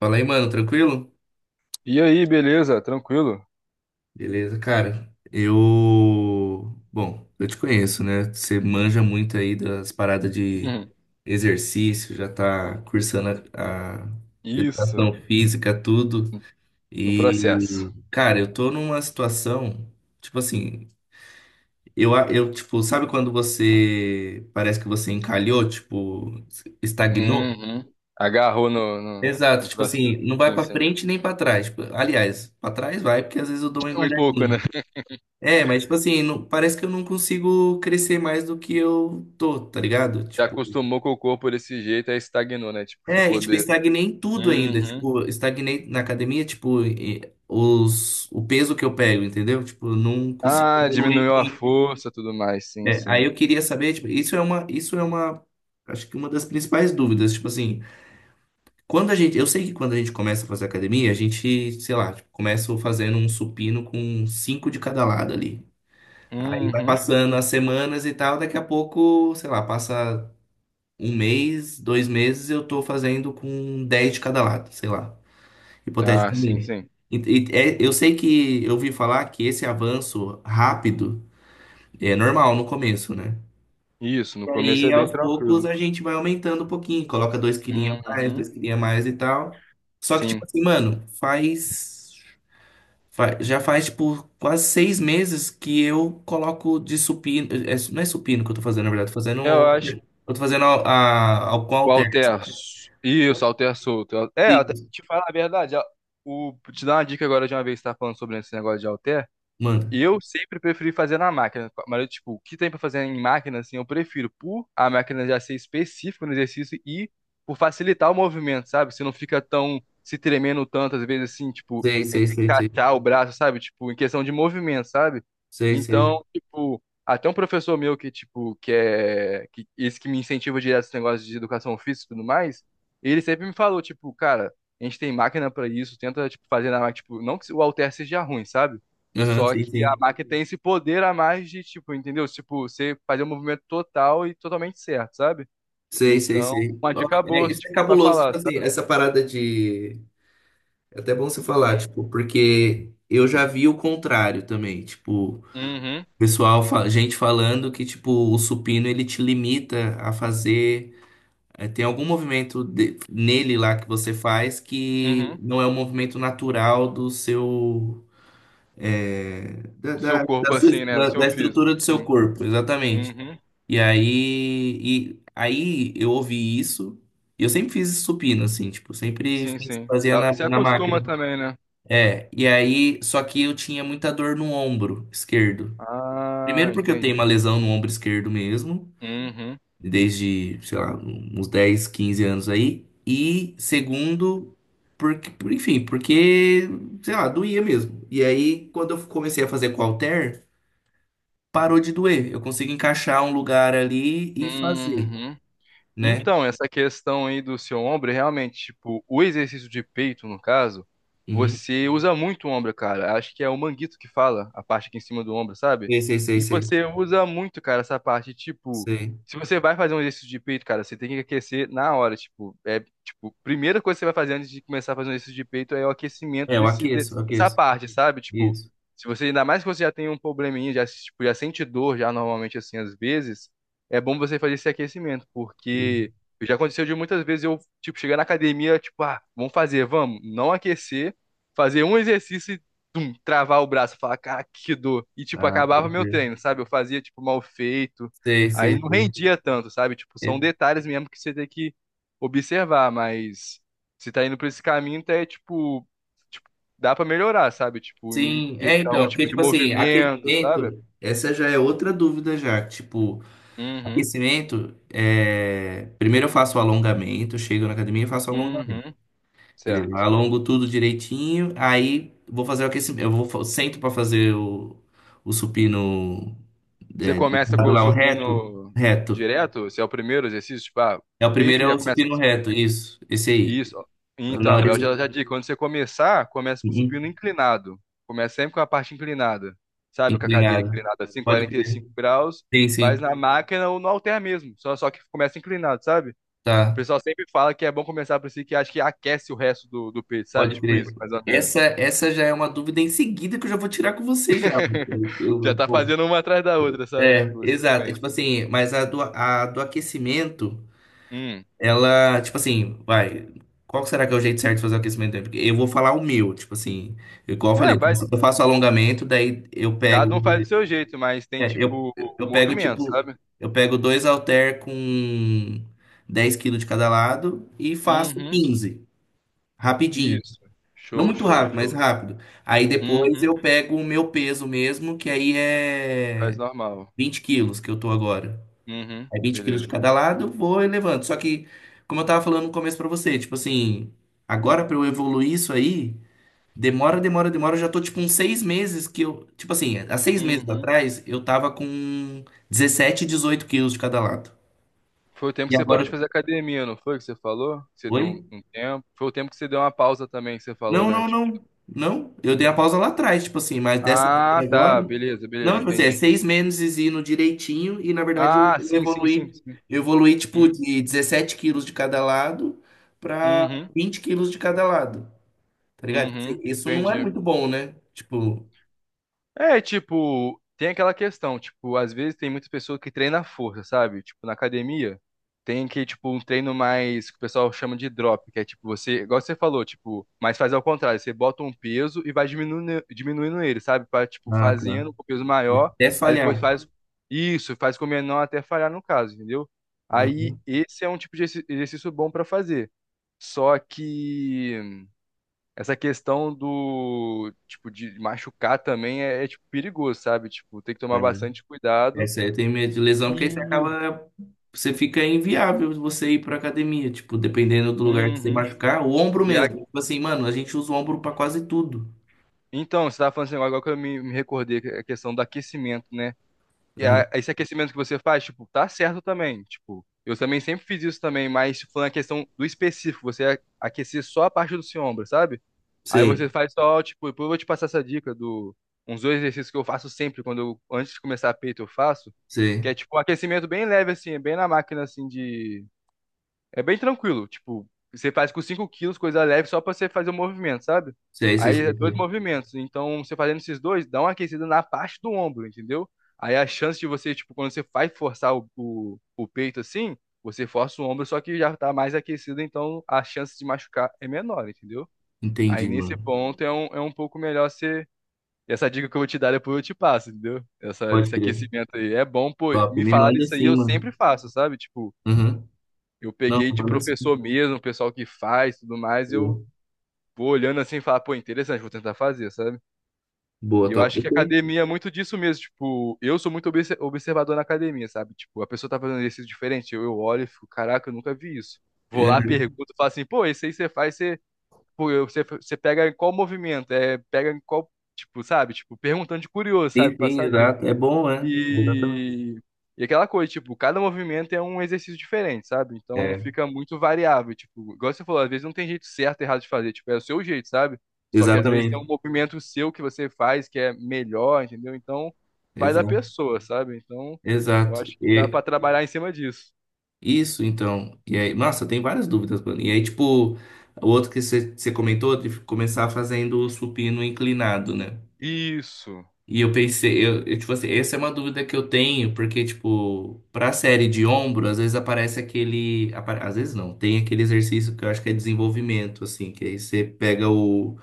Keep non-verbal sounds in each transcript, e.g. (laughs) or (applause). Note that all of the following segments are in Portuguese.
Fala aí, mano, tranquilo? E aí, beleza? Tranquilo? Beleza, cara. Eu. Bom, eu te conheço, né? Você manja muito aí das paradas de Uhum. exercício, já tá cursando a Isso, educação física, tudo. no processo. E, cara, eu tô numa situação, tipo assim, tipo, sabe quando você parece que você encalhou, tipo, estagnou? Uhum. Agarrou no, no, Exato, no tipo assim, processo. não vai Sim, pra sim. frente nem pra trás. Tipo, aliás, pra trás vai, porque às vezes eu dou uma Um pouco, né? engordadinha. É, mas tipo assim, não- parece que eu não consigo crescer mais do que eu tô, tá ligado? Já Tipo, acostumou com o corpo desse jeito, aí estagnou, né? Tipo, é, e ficou tipo, de. estagnei em tudo ainda. Uhum. Tipo, estagnei na academia, tipo, e- o peso que eu pego, entendeu? Tipo, eu não consigo Ah, evoluir diminuiu a muito. força, tudo mais. Sim, É, aí sim. eu queria saber, tipo, isso é uma, acho que uma das principais dúvidas, tipo assim, eu sei que quando a gente começa a fazer academia, a gente, sei lá, tipo, começa fazendo um supino com 5 de cada lado ali. Aí vai Uhum. passando as semanas e tal, daqui a pouco, sei lá, passa um mês, dois meses, eu tô fazendo com 10 de cada lado, sei lá, Ah, sim, hipoteticamente. sim. E- eu sei que eu ouvi falar que esse avanço rápido é normal no começo, né? Isso, no E começo é aí, bem aos poucos, tranquilo. a gente vai aumentando um pouquinho, coloca dois quilinhos a mais, dois Uhum. quilinhos a mais e tal. Só que, tipo Sim. assim, mano, faz. Já faz, tipo, quase 6 meses que eu coloco de supino. É, não é supino que eu tô fazendo, na verdade. Tô Eu fazendo. acho, Eu tô fazendo ao qual o alter. Alter. Isso, Alter solto. É, Isso, te falar a verdade, te dar uma dica agora de uma vez que você tá falando sobre esse negócio de Alter. mano. Eu sempre preferi fazer na máquina, mas eu, tipo, o que tem pra fazer em máquina, assim, eu prefiro por a máquina já ser específica no exercício e por facilitar o movimento, sabe? Você não fica tão se tremendo tanto, às vezes, assim, tipo, Sei, sei, se sei, sei. encaixar o braço, sabe? Tipo, em questão de movimento, sabe? Sei, sei. Então, tipo, até um professor meu que, tipo, esse que me incentiva direto esse negócio de educação física e tudo mais, ele sempre me falou, tipo, cara, a gente tem máquina pra isso, tenta, tipo, fazer na máquina, tipo, não que o halter seja ruim, sabe? Aham, Só sei, que a sei. máquina tem esse poder a mais de, tipo, entendeu? Tipo, você fazer um movimento total e totalmente certo, sabe? Sei, sei, Então, sei. uma Ó, dica é, boa, isso é tipo, pra cabuloso, tipo falar, assim, sabe? essa parada de. É até bom você falar, tipo, porque eu já vi o contrário também. Tipo, Uhum, pessoal, fa- gente falando que, tipo, o supino ele te limita a fazer. É, tem algum movimento de- nele lá que você faz que uhum. não é um movimento natural do seu. É, Da, O seu da, da corpo, sua- assim, né? No da- seu da físico, estrutura do seu sim. corpo, exatamente. Uhum, E aí, e aí eu ouvi isso, e eu sempre fiz supino, assim, tipo, sempre sim, fiz- sim. fazia na, Você na máquina. acostuma também, né? É, e aí, só que eu tinha muita dor no ombro esquerdo. Ah, Primeiro porque eu tenho uma entendi. lesão no ombro esquerdo mesmo, Uhum, desde, sei lá, uns 10, 15 anos aí. E segundo, porque, por, enfim, porque, sei lá, doía mesmo. E aí, quando eu comecei a fazer com halter, parou de doer. Eu consigo encaixar um lugar ali e fazer, uhum. né? Então, essa questão aí do seu ombro, realmente, tipo, o exercício de peito, no caso, Uhum. você usa muito o ombro, cara. Acho que é o manguito que fala, a parte aqui em cima do ombro, sabe? Sei, sei, sei, E sei, você usa muito, cara, essa parte, tipo, sei. se você vai fazer um exercício de peito, cara, você tem que aquecer na hora, tipo, é, tipo, primeira coisa que você vai fazer antes de começar a fazer um exercício de peito é o aquecimento É, eu aqueço, eu dessa aqueço. parte, sabe? Tipo, Isso. se você, ainda mais que você já tem um probleminha, já, tipo, já sente dor já normalmente, assim, às vezes, é bom você fazer esse aquecimento, Isso. porque já aconteceu de muitas vezes eu, tipo, chegar na academia, tipo, ah, vamos fazer, vamos, não aquecer, fazer um exercício e travar o braço, falar, cara, que dor. E, tipo, Ah, pode acabava meu ver. treino, sabe? Eu fazia, tipo, mal feito, Sei, aí sei, não sei. rendia tanto, sabe? Tipo, são É, detalhes mesmo que você tem que observar, mas se tá indo por esse caminho, tá, é, tipo, tipo, dá pra melhorar, sabe? Tipo, em sim, é então, questão, porque tipo, de tipo assim, movimento, sabe? aquecimento, essa já é outra dúvida já, tipo, Uhum, aquecimento, primeiro eu faço o alongamento, chego na academia e faço o alongamento. uhum, Beleza? Eu certo. alongo tudo direitinho, aí vou fazer o aquecimento. Eu vou, fa- sento para fazer o supino, Você é, começa com deitado o lá, o reto. supino Reto. direto, se é o primeiro exercício, tipo, ah, É o primeiro peito é já o começa com o supino supino. reto, isso. Esse aí. Isso. Ó. Na Então, eu horizontal. já digo, quando você começar, começa com o supino inclinado. Começa sempre com a parte inclinada. Sabe, com a cadeira Inclinado. inclinada assim, Pode quarenta e crer. cinco graus, Sim, sim. faz na máquina ou no halter mesmo. Só que começa inclinado, sabe? O Tá. pessoal sempre fala que é bom começar por si, que acho que aquece o resto do peito, sabe? Pode Tipo crer. isso, mais ou menos. Essa já é uma dúvida em seguida que eu já vou tirar com você já. (laughs) Já tá Bom, fazendo uma atrás da outra, sabe? é, Tipo, exato. É, tipo mas. assim, mas a do aquecimento, Hum. ela, tipo assim, vai. Qual será que é o jeito certo de fazer o aquecimento? Porque eu vou falar o meu, tipo assim, igual eu É, falei, vai. eu faço alongamento, daí eu Cada um faz do pego. seu jeito, mas tem é, eu, tipo o eu pego, movimento, tipo, sabe? eu pego dois halter com 10 quilos de cada lado e faço Uhum. quinze, rapidinho. Isso. Não Show, muito show, rápido, mas show. rápido. Aí depois Uhum. eu pego o meu peso mesmo, que aí é Faz normal. 20 quilos que eu tô agora. Uhum. Aí 20 quilos de Beleza. cada lado, vou elevando. Só que, como eu tava falando no começo pra você, tipo assim, agora pra eu evoluir isso aí, demora, demora, demora. Eu já tô tipo uns 6 meses que eu. Tipo assim, há 6 meses Uhum. atrás eu tava com 17, 18 quilos de cada lado. Foi o tempo E que você parou agora. de fazer academia, não foi que você falou? Que você deu Oi? um tempo. Foi o tempo que você deu uma pausa também, que você falou, Não, né? não, Tipo, não. Não, eu dei a pausa lá atrás, tipo assim, mas dessa ah, vez agora. tá, beleza, Não, beleza, tipo assim, é entendi. seis Entendi. meses indo direitinho e na verdade Ah, sim, sim, sim, sim. eu evoluí tipo Uhum, de 17 quilos de cada lado pra uhum, 20 quilos de cada lado, tá ligado? Tipo assim, uhum, isso não é entendi. muito bom, né? Tipo, É, tipo, tem aquela questão, tipo, às vezes tem muitas pessoas que treinam a força, sabe? Tipo, na academia, tem que, tipo, um treino mais, que o pessoal chama de drop, que é tipo, você, igual você falou, tipo, mas faz ao contrário, você bota um peso e vai diminuindo, diminuindo ele, sabe? Pra, tipo, ah, tá. fazendo com peso maior, Até aí depois falhar. faz isso, faz com o menor até falhar no caso, entendeu? Aí, Uhum. esse é um tipo de exercício bom pra fazer. Só que essa questão do, tipo, de machucar também é, tipo, perigoso, sabe? Tipo, tem que tomar bastante É, cuidado. isso aí, eu tenho medo de lesão, porque aí você E... acaba. Você fica inviável você ir pra academia, tipo, dependendo do lugar que você Uhum. machucar, o ombro E a... mesmo. Tipo assim, mano, a gente usa o ombro pra quase tudo. Então, você tava falando assim, agora que eu me recordei, a questão do aquecimento, né? E Uhum. a, esse aquecimento que você faz, tipo, tá certo também. Tipo, eu também sempre fiz isso também, mas tipo, falando a questão do específico, você aquecer só a parte do seu ombro, sabe? Aí Sei, você faz só, tipo, depois eu vou te passar essa dica do uns dois exercícios que eu faço sempre quando eu antes de começar a peito eu faço, que sei, é tipo um aquecimento bem leve assim, é bem na máquina assim de é bem tranquilo, tipo, você faz com 5 quilos, coisa leve só pra você fazer o movimento, sabe? sei, sei, Aí é sei, dois sei. movimentos, então você fazendo esses dois, dá uma aquecida na parte do ombro, entendeu? Aí a chance de você, tipo, quando você vai forçar o peito assim, você força o ombro, só que já tá mais aquecido, então a chance de machucar é menor, entendeu? Aí Entendi, nesse mano. ponto é um pouco melhor ser. Essa dica que eu vou te dar depois eu te passo, entendeu? Essa, Pode desse crer. aquecimento aí. É bom, pô, Top, me me falar manda isso aí, sim, eu mano. sempre faço, sabe? Tipo, Uhum. eu Não, peguei de manda sim. professor mesmo, o pessoal que faz tudo mais, eu Boa, vou olhando assim e falar, pô, interessante, vou tentar fazer, sabe? boa, E eu top. acho que a Ok. academia é muito disso mesmo, tipo, eu sou muito observador na academia, sabe? Tipo, a pessoa tá fazendo exercício diferente, eu olho e fico, caraca, eu nunca vi isso. Vou É, lá, pergunto, falo assim, pô, esse aí você faz, pô, você, pega em qual movimento, é, pega em qual, tipo, sabe? Tipo, perguntando de curioso, sabe? sim, Pra sim, saber. exato. É bom, né? Exatamente. E, e aquela coisa, tipo, cada movimento é um exercício diferente, sabe? Então É, fica muito variável, tipo, igual você falou, às vezes não tem jeito certo e errado de fazer, tipo, é o seu jeito, sabe? Só que às vezes tem exatamente. um movimento seu que você faz que é melhor, entendeu? Então vai da Exato. pessoa, sabe? Então eu Exato. acho que dá E- pra trabalhar em cima disso. isso, então. E aí, nossa, tem várias dúvidas, mano. E aí, tipo, o outro que você comentou de começar fazendo o supino inclinado, né? Isso, E eu pensei, tipo assim, essa é uma dúvida que eu tenho, porque, tipo, pra série de ombro, às vezes aparece aquele. Apa- às vezes não, tem aquele exercício que eu acho que é desenvolvimento, assim, que aí você pega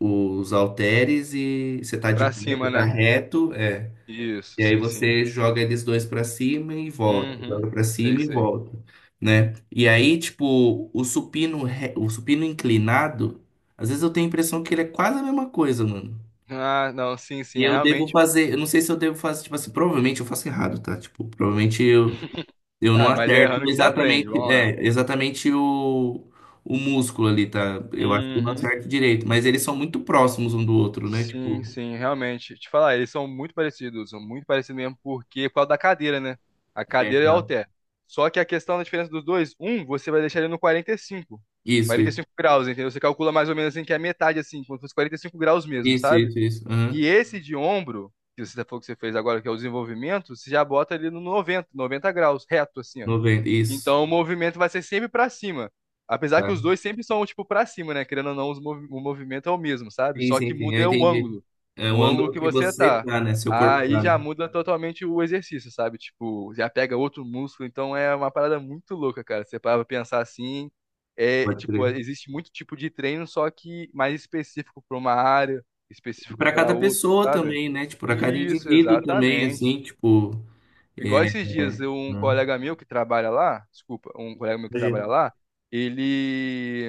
os halteres e você tá de pra pé, cima, você tá né? reto, é. Isso, E aí sim, sim. você joga eles dois pra cima e volta, Uhum, joga pra sei, cima e sei. volta, né? E aí, tipo, o supino, re- o supino inclinado, às vezes eu tenho a impressão que ele é quase a mesma coisa, mano. Ah, não, sim, sim, E é eu devo realmente. fazer, eu não sei se eu devo fazer, tipo assim, provavelmente eu faço errado, tá? Tipo, provavelmente eu não Ah, mas é errando acerto que você aprende, exatamente, vamos lá. é, exatamente o músculo ali, tá? Eu acho que eu não Uhum. acerto direito, mas eles são muito próximos um do outro, né? Sim, Tipo, sim, realmente. Te falar, eles são muito parecidos mesmo, porque por causa da cadeira, né? A é, cadeira é o tá. halter. Só que a questão da diferença dos dois, um, você vai deixar ele no quarenta e cinco, Isso, 45 graus, entendeu? Você calcula mais ou menos assim que é a metade, assim, quando fosse 45 graus mesmo, isso, sabe? isso, isso, isso. Aham. E esse de ombro, que você falou que você fez agora, que é o desenvolvimento, você já bota ele no 90 graus, reto, assim, ó. 90, isso. Então o movimento vai ser sempre pra cima. Apesar que os Tá. dois sempre são, tipo, pra cima, né? Querendo ou não, o movimento é o mesmo, sabe? Sim, Só que sim, sim, muda eu é o entendi. ângulo. É o O ângulo ângulo que que você você tá. tá, né? Seu corpo Aí tá, já né? muda totalmente o exercício, sabe? Tipo, já pega outro músculo. Então é uma parada muito louca, cara. Você para pra pensar assim. É, Pode tipo, crer. existe muito tipo de treino, só que mais específico pra uma área, E específica pra pra cada outra, pessoa sabe? também, né? Tipo, para cada Isso, indivíduo também, exatamente. assim, tipo. Igual É, esses dias, é, um né? colega meu que trabalha lá, desculpa, um colega meu que Imagino. trabalha lá, ele,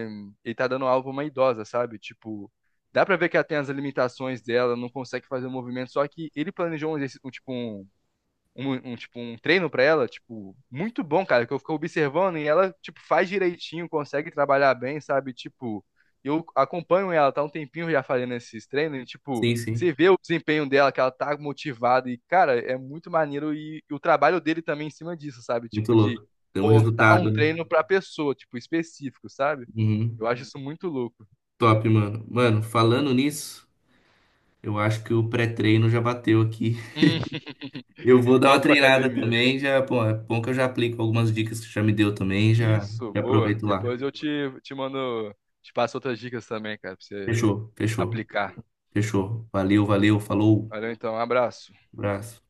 ele tá dando aula pra uma idosa, sabe? Tipo, dá pra ver que ela tem as limitações dela, não consegue fazer o movimento, só que ele planejou um exercício, um treino pra ela, tipo, muito bom, cara, que eu fico observando e ela, tipo, faz direitinho, consegue trabalhar bem, sabe? Tipo, eu acompanho ela, tá um tempinho já fazendo esses treinos e, tipo, Sim, sim. você vê o desempenho dela, que ela tá motivada e, cara, é muito maneiro e o trabalho dele também em cima disso, sabe? Muito Tipo, de louco. Tem um montar resultado, um né? treino pra pessoa, tipo, específico, sabe? Uhum. Eu acho isso muito louco. Top, mano. Mano, falando nisso, eu acho que o pré-treino já bateu aqui. (laughs) Hum, Eu vou dar uma Pronto pra treinada academia. também, já, pô, é bom que eu já aplico algumas dicas que você já me deu também, já, Isso, já boa. aproveito lá. Depois eu te mando, te passo outras dicas também, cara, pra você Fechou, fechou, aplicar. fechou. Valeu, valeu, falou. Valeu, então, um abraço. Abraço.